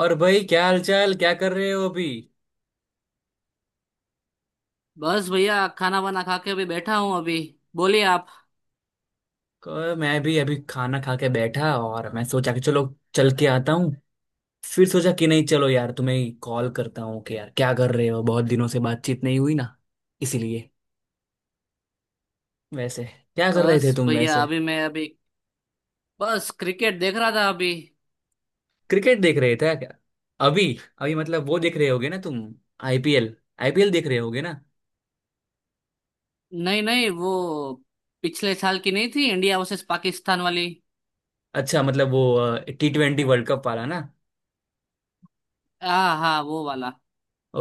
और भाई, क्या हाल चाल, क्या कर रहे हो अभी। बस भैया खाना वाना खा के अभी बैठा हूँ अभी। बोलिए आप। मैं भी अभी खाना खा के बैठा, और मैं सोचा कि चलो चल के आता हूँ। फिर सोचा कि नहीं, चलो यार तुम्हें कॉल करता हूँ कि यार क्या कर रहे हो, बहुत दिनों से बातचीत नहीं हुई ना, इसीलिए। वैसे क्या कर रहे बस थे तुम भैया वैसे। अभी मैं अभी बस क्रिकेट देख रहा था अभी। क्रिकेट देख रहे थे क्या। अभी अभी मतलब वो देख रहे होगे ना तुम, आईपीएल। आईपीएल देख रहे होगे ना। नहीं नहीं वो पिछले साल की नहीं थी, इंडिया वर्सेस पाकिस्तान वाली। अच्छा, मतलब वो T20 वर्ल्ड कप वाला ना। हाँ हाँ वो वाला।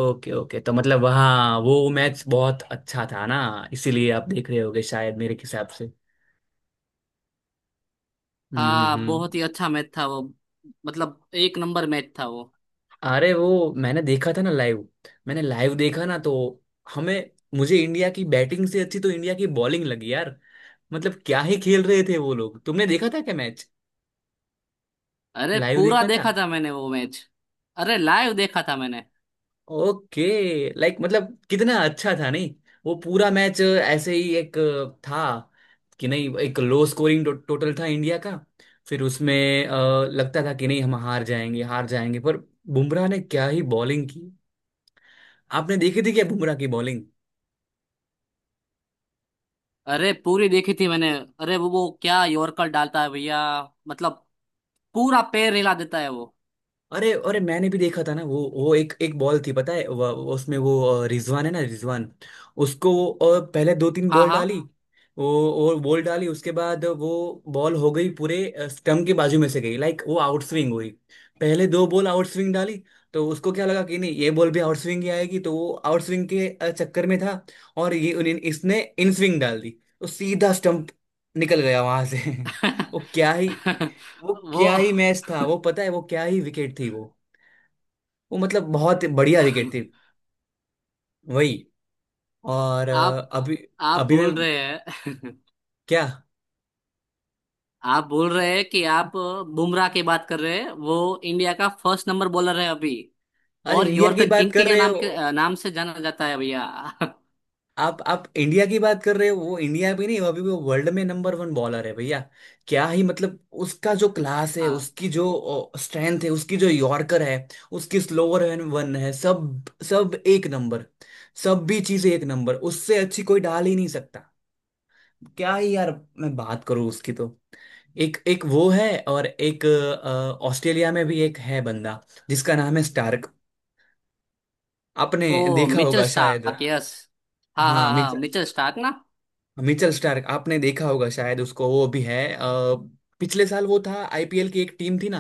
ओके ओके, तो मतलब हाँ, वो मैच बहुत अच्छा था ना, इसीलिए आप देख रहे होगे शायद मेरे हिसाब से। हम्म हम्म हाँ बहुत हम्म। ही अच्छा मैच था वो। मतलब एक नंबर मैच था वो। अरे वो मैंने देखा था ना लाइव। मैंने लाइव देखा ना, तो हमें मुझे इंडिया की बैटिंग से अच्छी तो इंडिया की बॉलिंग लगी यार। मतलब क्या ही खेल रहे थे वो लोग। तुमने देखा था क्या मैच, अरे लाइव पूरा देखा था। देखा था मैंने वो मैच। अरे लाइव देखा था मैंने। ओके। लाइक मतलब कितना अच्छा था नहीं। वो पूरा मैच ऐसे ही एक था कि नहीं, एक लो स्कोरिंग टोटल था इंडिया का। फिर उसमें लगता था कि नहीं हम हार जाएंगे हार जाएंगे, पर बुमराह ने क्या ही बॉलिंग की। आपने देखी थी क्या बुमराह की बॉलिंग। अरे पूरी देखी थी मैंने। अरे वो क्या यॉर्कर डालता है भैया। मतलब पूरा पैर हिला देता है वो। अरे अरे, मैंने भी देखा था ना। वो एक एक बॉल थी पता है, वो उसमें वो रिजवान है ना, रिजवान, उसको वो पहले दो तीन हाँ बॉल हाँ। डाली। वो और बॉल डाली, उसके बाद वो बॉल हो गई पूरे स्टम्प के बाजू में से गई। लाइक वो आउट स्विंग हुई। पहले दो बॉल आउट स्विंग डाली, तो उसको क्या लगा कि नहीं ये बॉल भी आउट स्विंग ही आएगी, तो वो आउट स्विंग के चक्कर में था। और ये इसने इन स्विंग डाल दी, तो सीधा स्टम्प निकल गया वहां से। वो क्या ही, वो क्या वो ही मैच था वो। पता है वो क्या ही विकेट थी वो। वो मतलब बहुत बढ़िया विकेट थी वही। और आप अभी। आप अभी मैं बोल रहे हैं। क्या। आप बोल रहे हैं कि आप बुमराह की बात कर रहे हैं। वो इंडिया का फर्स्ट नंबर बॉलर है अभी। अरे और इंडिया की यॉर्कर बात किंग कर के रहे नाम हो। से जाना जाता है भैया। आप इंडिया की बात कर रहे हो, वो इंडिया भी नहीं, अभी वो वर्ल्ड में नंबर वन बॉलर है भैया। क्या ही, मतलब उसका जो क्लास है, हाँ। उसकी जो स्ट्रेंथ है, उसकी जो यॉर्कर है, उसकी स्लोअर एंड वन है, सब। सब एक नंबर, सब भी चीजें एक नंबर, उससे अच्छी कोई डाल ही नहीं सकता। क्या ही यार। मैं बात करूँ उसकी तो एक एक वो है और एक ऑस्ट्रेलिया में भी एक है बंदा जिसका नाम है स्टार्क, आपने ओ देखा मिचेल होगा शायद। Stark, yes. हाँ हाँ, हाँ हाँ, मिचेल मिचेल स्टार्क ना। मिचेल स्टार्क आपने देखा होगा शायद। उसको वो भी है पिछले साल वो था, आईपीएल की एक टीम थी ना,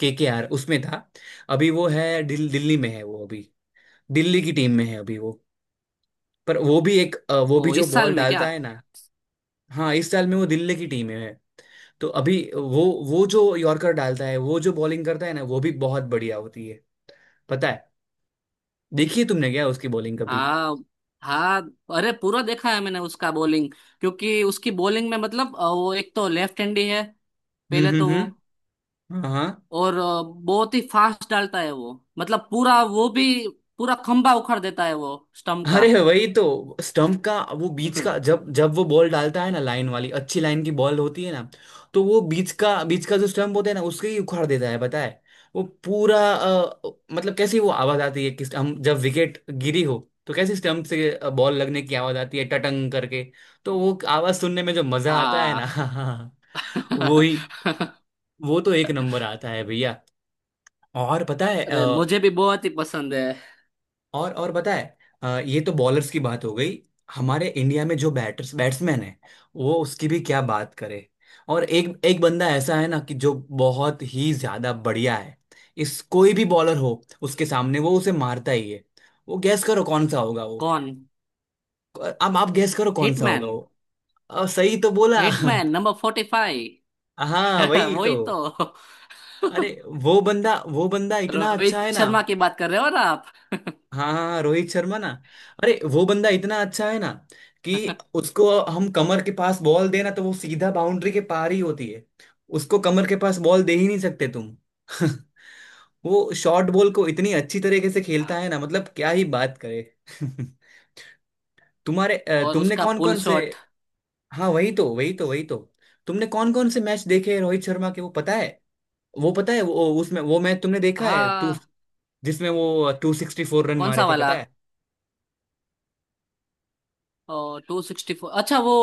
केकेआर, उसमें था। अभी वो है दिल्ली में है वो अभी। दिल्ली की टीम में है अभी वो। पर वो भी एक वो भी ओ जो इस साल बॉल में क्या? डालता है ना। हाँ इस साल में वो दिल्ली की टीम में है, तो अभी वो जो यॉर्कर डालता है, वो जो बॉलिंग करता है ना, वो भी बहुत बढ़िया होती है पता है। देखिए तुमने क्या उसकी बॉलिंग कभी। हाँ हाँ। अरे पूरा देखा है मैंने उसका बॉलिंग। क्योंकि उसकी बॉलिंग में मतलब वो एक तो लेफ्ट हैंडी है पहले तो वो। हम्म। हाँ हाँ। और बहुत ही फास्ट डालता है वो। मतलब पूरा वो भी पूरा खंभा उखाड़ देता है वो स्टंप का। अरे वही तो, स्टंप का। वो बीच का, जब जब वो बॉल डालता है ना लाइन वाली, अच्छी लाइन की बॉल होती है ना, तो वो बीच का, बीच का जो स्टंप होता है ना, उसके ही उखाड़ देता है पता है। वो पूरा मतलब कैसी वो आवाज आती है, कि हम जब विकेट गिरी हो, तो कैसी स्टंप से बॉल लगने की आवाज आती है टटंग करके। तो वो आवाज सुनने में जो मजा आता है आ। ना। वो ही। वो तो एक नंबर आता है भैया। और पता है, अरे मुझे भी बहुत ही पसंद है। और पता है ये तो बॉलर्स की बात हो गई। हमारे इंडिया में जो बैटर्स बैट्समैन है, वो उसकी भी क्या बात करे। और एक एक बंदा ऐसा है ना कि जो बहुत ही ज्यादा बढ़िया है। इस कोई भी बॉलर हो उसके सामने, वो उसे मारता ही है। वो गैस करो कौन सा होगा वो। कौन? अब आप गैस करो कौन सा होगा हिटमैन। वो। अब सही तो बोला। Hitman number 45। हाँ वही तो। वही तो। अरे वो बंदा, वो बंदा इतना अच्छा है रोहित ना। शर्मा की बात कर रहे हो ना आप? हाँ हाँ हाँ, रोहित शर्मा ना। अरे वो बंदा इतना अच्छा है ना, कि उसको हम कमर के पास बॉल देना, तो वो सीधा बाउंड्री के पार ही होती है। उसको कमर के पास बॉल दे ही नहीं सकते तुम। वो शॉर्ट बॉल को इतनी अच्छी तरीके से आ, खेलता है ना, मतलब क्या ही बात करे। तुम्हारे और तुमने उसका कौन पुल कौन से। शॉट। हाँ वही तो वही तो वही तो। तुमने कौन कौन से मैच देखे हैं रोहित शर्मा के, वो पता है। वो पता है वो उसमें, वो मैच तुमने देखा है टू, हाँ। जिसमें वो 264 रन कौन मारे सा थे वाला? पता है। ओ, 264, अच्छा वो।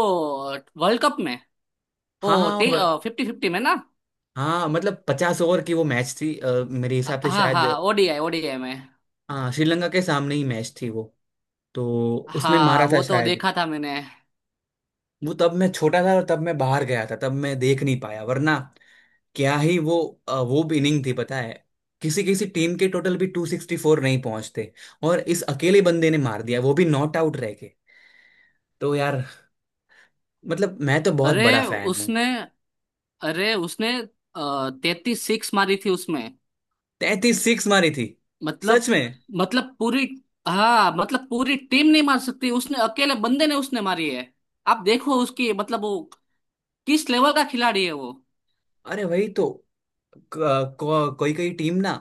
वर्ल्ड कप में। हाँ ओ। हाँ टी 50-50 में ना? हाँ, मतलब 50 ओवर की वो मैच थी मेरे हाँ हिसाब से हाँ शायद। हाँ, ओडीआई ओडीआई में। हाँ श्रीलंका के सामने ही मैच थी वो, तो उसमें हाँ मारा था वो तो शायद। देखा था मैंने। वो तब मैं छोटा था और तब मैं बाहर गया था, तब मैं देख नहीं पाया, वरना क्या ही वो। वो भी इनिंग थी पता है। किसी किसी टीम के टोटल भी 264 नहीं पहुंचते, और इस अकेले बंदे ने मार दिया वो भी नॉट आउट रह के। तो यार मतलब मैं तो बहुत बड़ा अरे फैन हूँ। उसने अरे उसने 33 सिक्स मारी थी उसमें। 33 सिक्स मारी थी। मतलब, सच में। मतलब पूरी। हाँ मतलब पूरी टीम नहीं मार सकती, उसने अकेले बंदे ने उसने मारी है। आप देखो उसकी, मतलब वो किस लेवल का खिलाड़ी है वो। अरे वही तो, कोई कोई टीम ना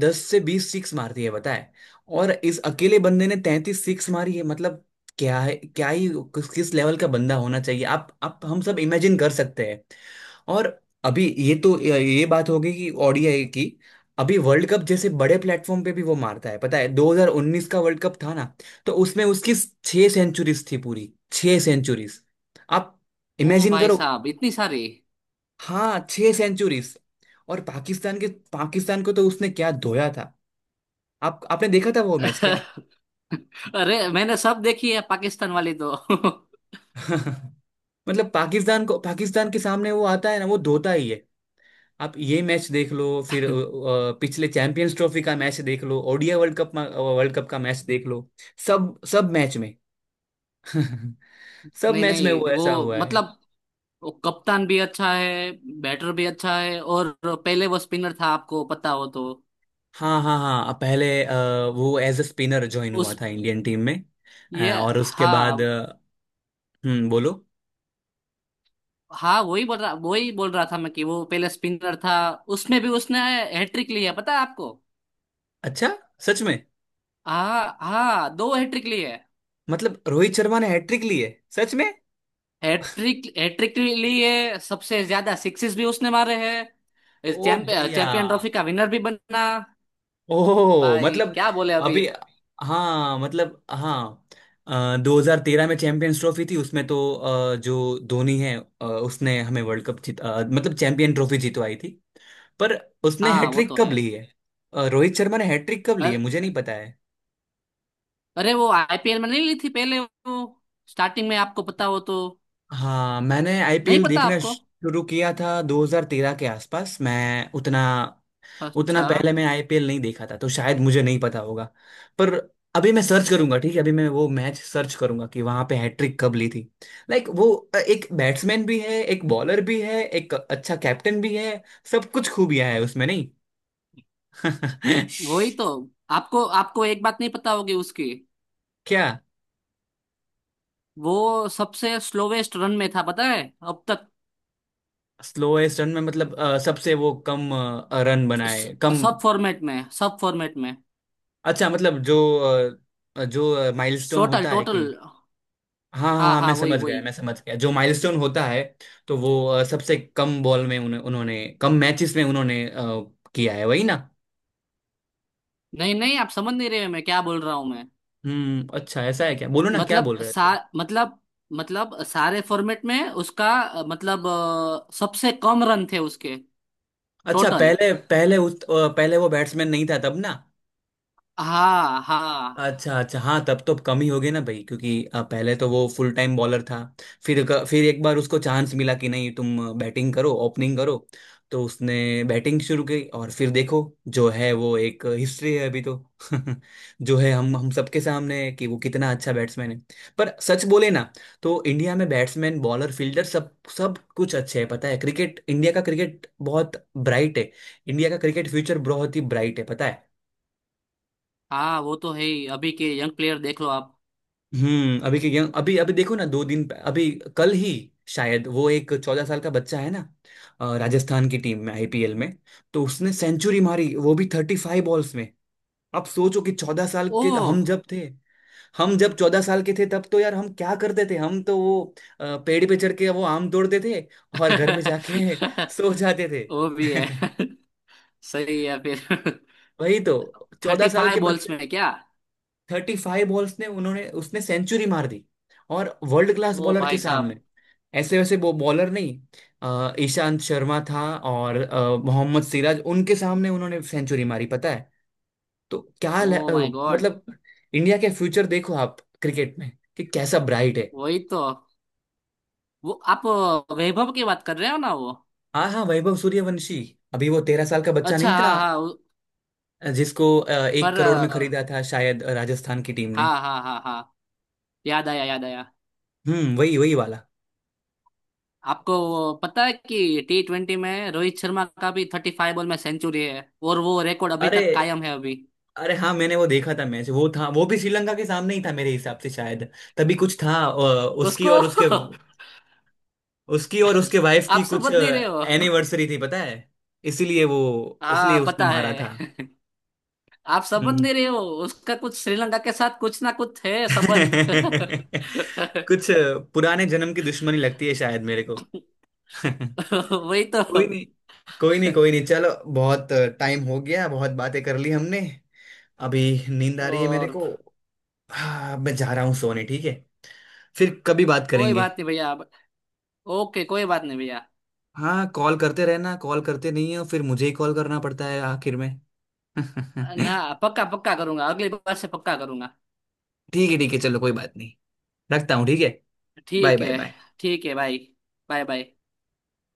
10 से 20 सिक्स मारती है बताए, और इस अकेले बंदे ने 33 सिक्स मारी है, मतलब क्या है, क्या ही। किस किस लेवल का बंदा होना चाहिए, आप हम सब इमेजिन कर सकते हैं। और अभी ये तो, ये बात होगी कि ओडीआई की। अभी वर्ल्ड कप जैसे बड़े प्लेटफॉर्म पे भी वो मारता है पता है। 2019 का वर्ल्ड कप था ना, तो उसमें उसकी 6 सेंचुरीज थी, पूरी 6 सेंचुरीज। आप ओ इमेजिन भाई करो। साहब, इतनी सारी। हाँ 6 सेंचुरीज। और पाकिस्तान के, पाकिस्तान को तो उसने क्या धोया था। आप, आपने देखा था वो मैच क्या। अरे मैंने सब देखी है पाकिस्तान वाली तो। मतलब पाकिस्तान को, पाकिस्तान के सामने वो आता है ना, वो धोता ही है। आप ये मैच देख लो, फिर पिछले चैंपियंस ट्रॉफी का मैच देख लो, ODI world cup, world cup का मैच देख लो। सब सब मैच में सब नहीं मैच में वो नहीं वो ऐसा हुआ है। मतलब वो कप्तान भी अच्छा है, बैटर भी अच्छा है और पहले वो स्पिनर था, आपको पता हो तो। हाँ हाँ हाँ पहले वो एज अ स्पिनर ज्वाइन हुआ उस था इंडियन टीम में। ये और उसके बाद हाँ। बोलो। हाँ वही बोल रहा, वही बोल रहा था मैं कि वो पहले स्पिनर था। उसमें भी उसने हैट्रिक ली है, पता है आपको? अच्छा, सच में। हाँ हाँ, दो हैट्रिक ली है। मतलब रोहित शर्मा ने हैट्रिक ली है, सच में। हैट्रिक हैट्रिक ली है, सबसे ज्यादा सिक्सेस भी उसने मारे हैं। ओ भैया। चैंपियन ट्रॉफी का विनर भी बना। ओ भाई मतलब, क्या बोले अभी। अभी। हाँ मतलब हाँ, अ, 2013 में चैंपियंस ट्रॉफी थी, उसमें तो जो धोनी है, उसने हमें वर्ल्ड कप जीत मतलब चैंपियन ट्रॉफी जीतवाई थी। पर उसने हाँ वो हैट्रिक तो कब ली है, रोहित शर्मा ने हैट्रिक कब ली है। है, मुझे नहीं पता है। अरे वो आईपीएल में नहीं ली थी पहले वो स्टार्टिंग में, आपको पता हो तो। हाँ मैंने नहीं आईपीएल पता देखना आपको। शुरू किया था 2013 के आसपास। मैं उतना, उतना अच्छा। पहले मैं आईपीएल नहीं देखा था, तो शायद मुझे नहीं पता होगा। पर अभी मैं सर्च करूंगा, ठीक है, अभी मैं वो मैच सर्च करूंगा कि वहां पे हैट्रिक कब ली थी। लाइक वो एक बैट्समैन भी है, एक बॉलर भी है, एक अच्छा कैप्टन भी है, सब कुछ खूबियां है उसमें नहीं। वही तो। आपको आपको एक बात नहीं पता होगी उसकी। क्या। वो सबसे स्लोवेस्ट रन में था पता है, अब तक। स्लोएस्ट रन में मतलब सबसे वो कम रन बनाए स- कम। सब फॉर्मेट में, सब फॉर्मेट में। अच्छा, मतलब जो जो माइलस्टोन टोटल, होता है टोटल। कि, हाँ हाँ हाँ हाँ, मैं हाँ, वही समझ गया वही। मैं समझ गया, जो माइलस्टोन होता है, तो वो सबसे कम बॉल में उन्हें उन्होंने, कम मैचेस में उन्होंने किया है वही ना। नहीं नहीं आप समझ नहीं रहे मैं क्या बोल रहा हूँ मैं। हम्म, अच्छा ऐसा है, क्या, बोलो ना, क्या बोल मतलब रहे थे। सा मतलब, मतलब सारे फॉर्मेट में उसका मतलब सबसे कम रन थे उसके अच्छा, टोटल। पहले पहले उस पहले वो बैट्समैन नहीं था तब ना। हाँ हाँ अच्छा अच्छा, हाँ तब तो कम ही हो गए ना भाई, क्योंकि पहले तो वो फुल टाइम बॉलर था। फिर फिर एक बार उसको चांस मिला कि नहीं तुम बैटिंग करो, ओपनिंग करो, तो उसने बैटिंग शुरू की, और फिर देखो जो है वो एक हिस्ट्री है अभी तो। जो है हम सबके सामने है कि वो कितना अच्छा बैट्समैन है। पर सच बोले ना, तो इंडिया में बैट्समैन, बॉलर, फील्डर, सब सब कुछ अच्छे है पता है। क्रिकेट, इंडिया का क्रिकेट बहुत ब्राइट है। इंडिया का क्रिकेट फ्यूचर बहुत ही ब्राइट है पता है। हाँ, वो तो है ही। अभी के यंग प्लेयर देख लो आप। हम्म, अभी के यंग, अभी अभी देखो ना, अभी कल ही शायद, वो एक 14 साल का बच्चा है ना राजस्थान की टीम में, आईपीएल में, तो उसने सेंचुरी मारी वो भी 35 बॉल्स में। आप सोचो कि 14 साल के ओह। हम जब थे, हम जब 14 साल के थे तब तो यार हम क्या करते थे, हम तो वो पेड़ पे चढ़ के वो आम तोड़ते थे, और घर पे जाके सो जाते वो भी है। थे। सही है फिर। वही तो। चौदह थर्टी साल फाइव के बॉल्स बच्चे। में क्या? 35 बॉल्स ने उन्होंने, उसने सेंचुरी मार दी, और वर्ल्ड क्लास ओ बॉलर के भाई साहब। सामने। ऐसे वैसे वो बॉलर नहीं, ईशांत शर्मा था और मोहम्मद सिराज, उनके सामने उन्होंने सेंचुरी मारी पता है। तो क्या ओ माय गॉड। मतलब इंडिया के फ्यूचर देखो आप क्रिकेट में, कि कैसा ब्राइट है। वही तो। वो आप वैभव की बात कर रहे हो ना वो? हाँ हाँ, वैभव सूर्यवंशी। अभी वो 13 साल का बच्चा अच्छा नहीं था, हाँ हाँ वो- जिसको एक पर अ, करोड़ में खरीदा था शायद राजस्थान की टीम ने। हाँ हाँ हाँ हाँ, याद आया याद आया। हम्म, वही वही वाला। आपको वो पता है कि T20 में रोहित शर्मा का भी 35 बॉल में सेंचुरी है, और वो रिकॉर्ड अभी अरे तक कायम है अभी। अरे हाँ, मैंने वो देखा था मैच। वो था वो भी श्रीलंका के सामने ही था मेरे हिसाब से शायद। तभी कुछ था उसको। उसकी और उसके वाइफ आप की कुछ समझ नहीं रहे हो। एनिवर्सरी थी पता है, इसीलिए वो, इसलिए हाँ उसने पता मारा था। है। आप संबंध हम्म। दे रहे हो। उसका कुछ श्रीलंका के साथ कुछ ना कुछ है संबंध। कुछ पुराने जन्म की दुश्मनी लगती है शायद मेरे को। वही तो। कोई नहीं, कोई नहीं, कोई नहीं, चलो। बहुत टाइम हो गया, बहुत बातें कर ली हमने। अभी नींद आ रही है मेरे और। को। हाँ मैं जा रहा हूँ सोने, ठीक है, फिर कभी बात कोई करेंगे। बात नहीं भैया आप-। ओके, कोई बात नहीं भैया। हाँ, कॉल करते रहना, कॉल करते नहीं हो, फिर मुझे ही कॉल करना पड़ता है आखिर में। ना ठीक पक्का, पक्का करूंगा, अगली बार से पक्का करूंगा। है। ठीक है चलो, कोई बात नहीं, रखता हूँ ठीक है। बाय ठीक बाय है। बाय। ठीक है भाई। Bye bye.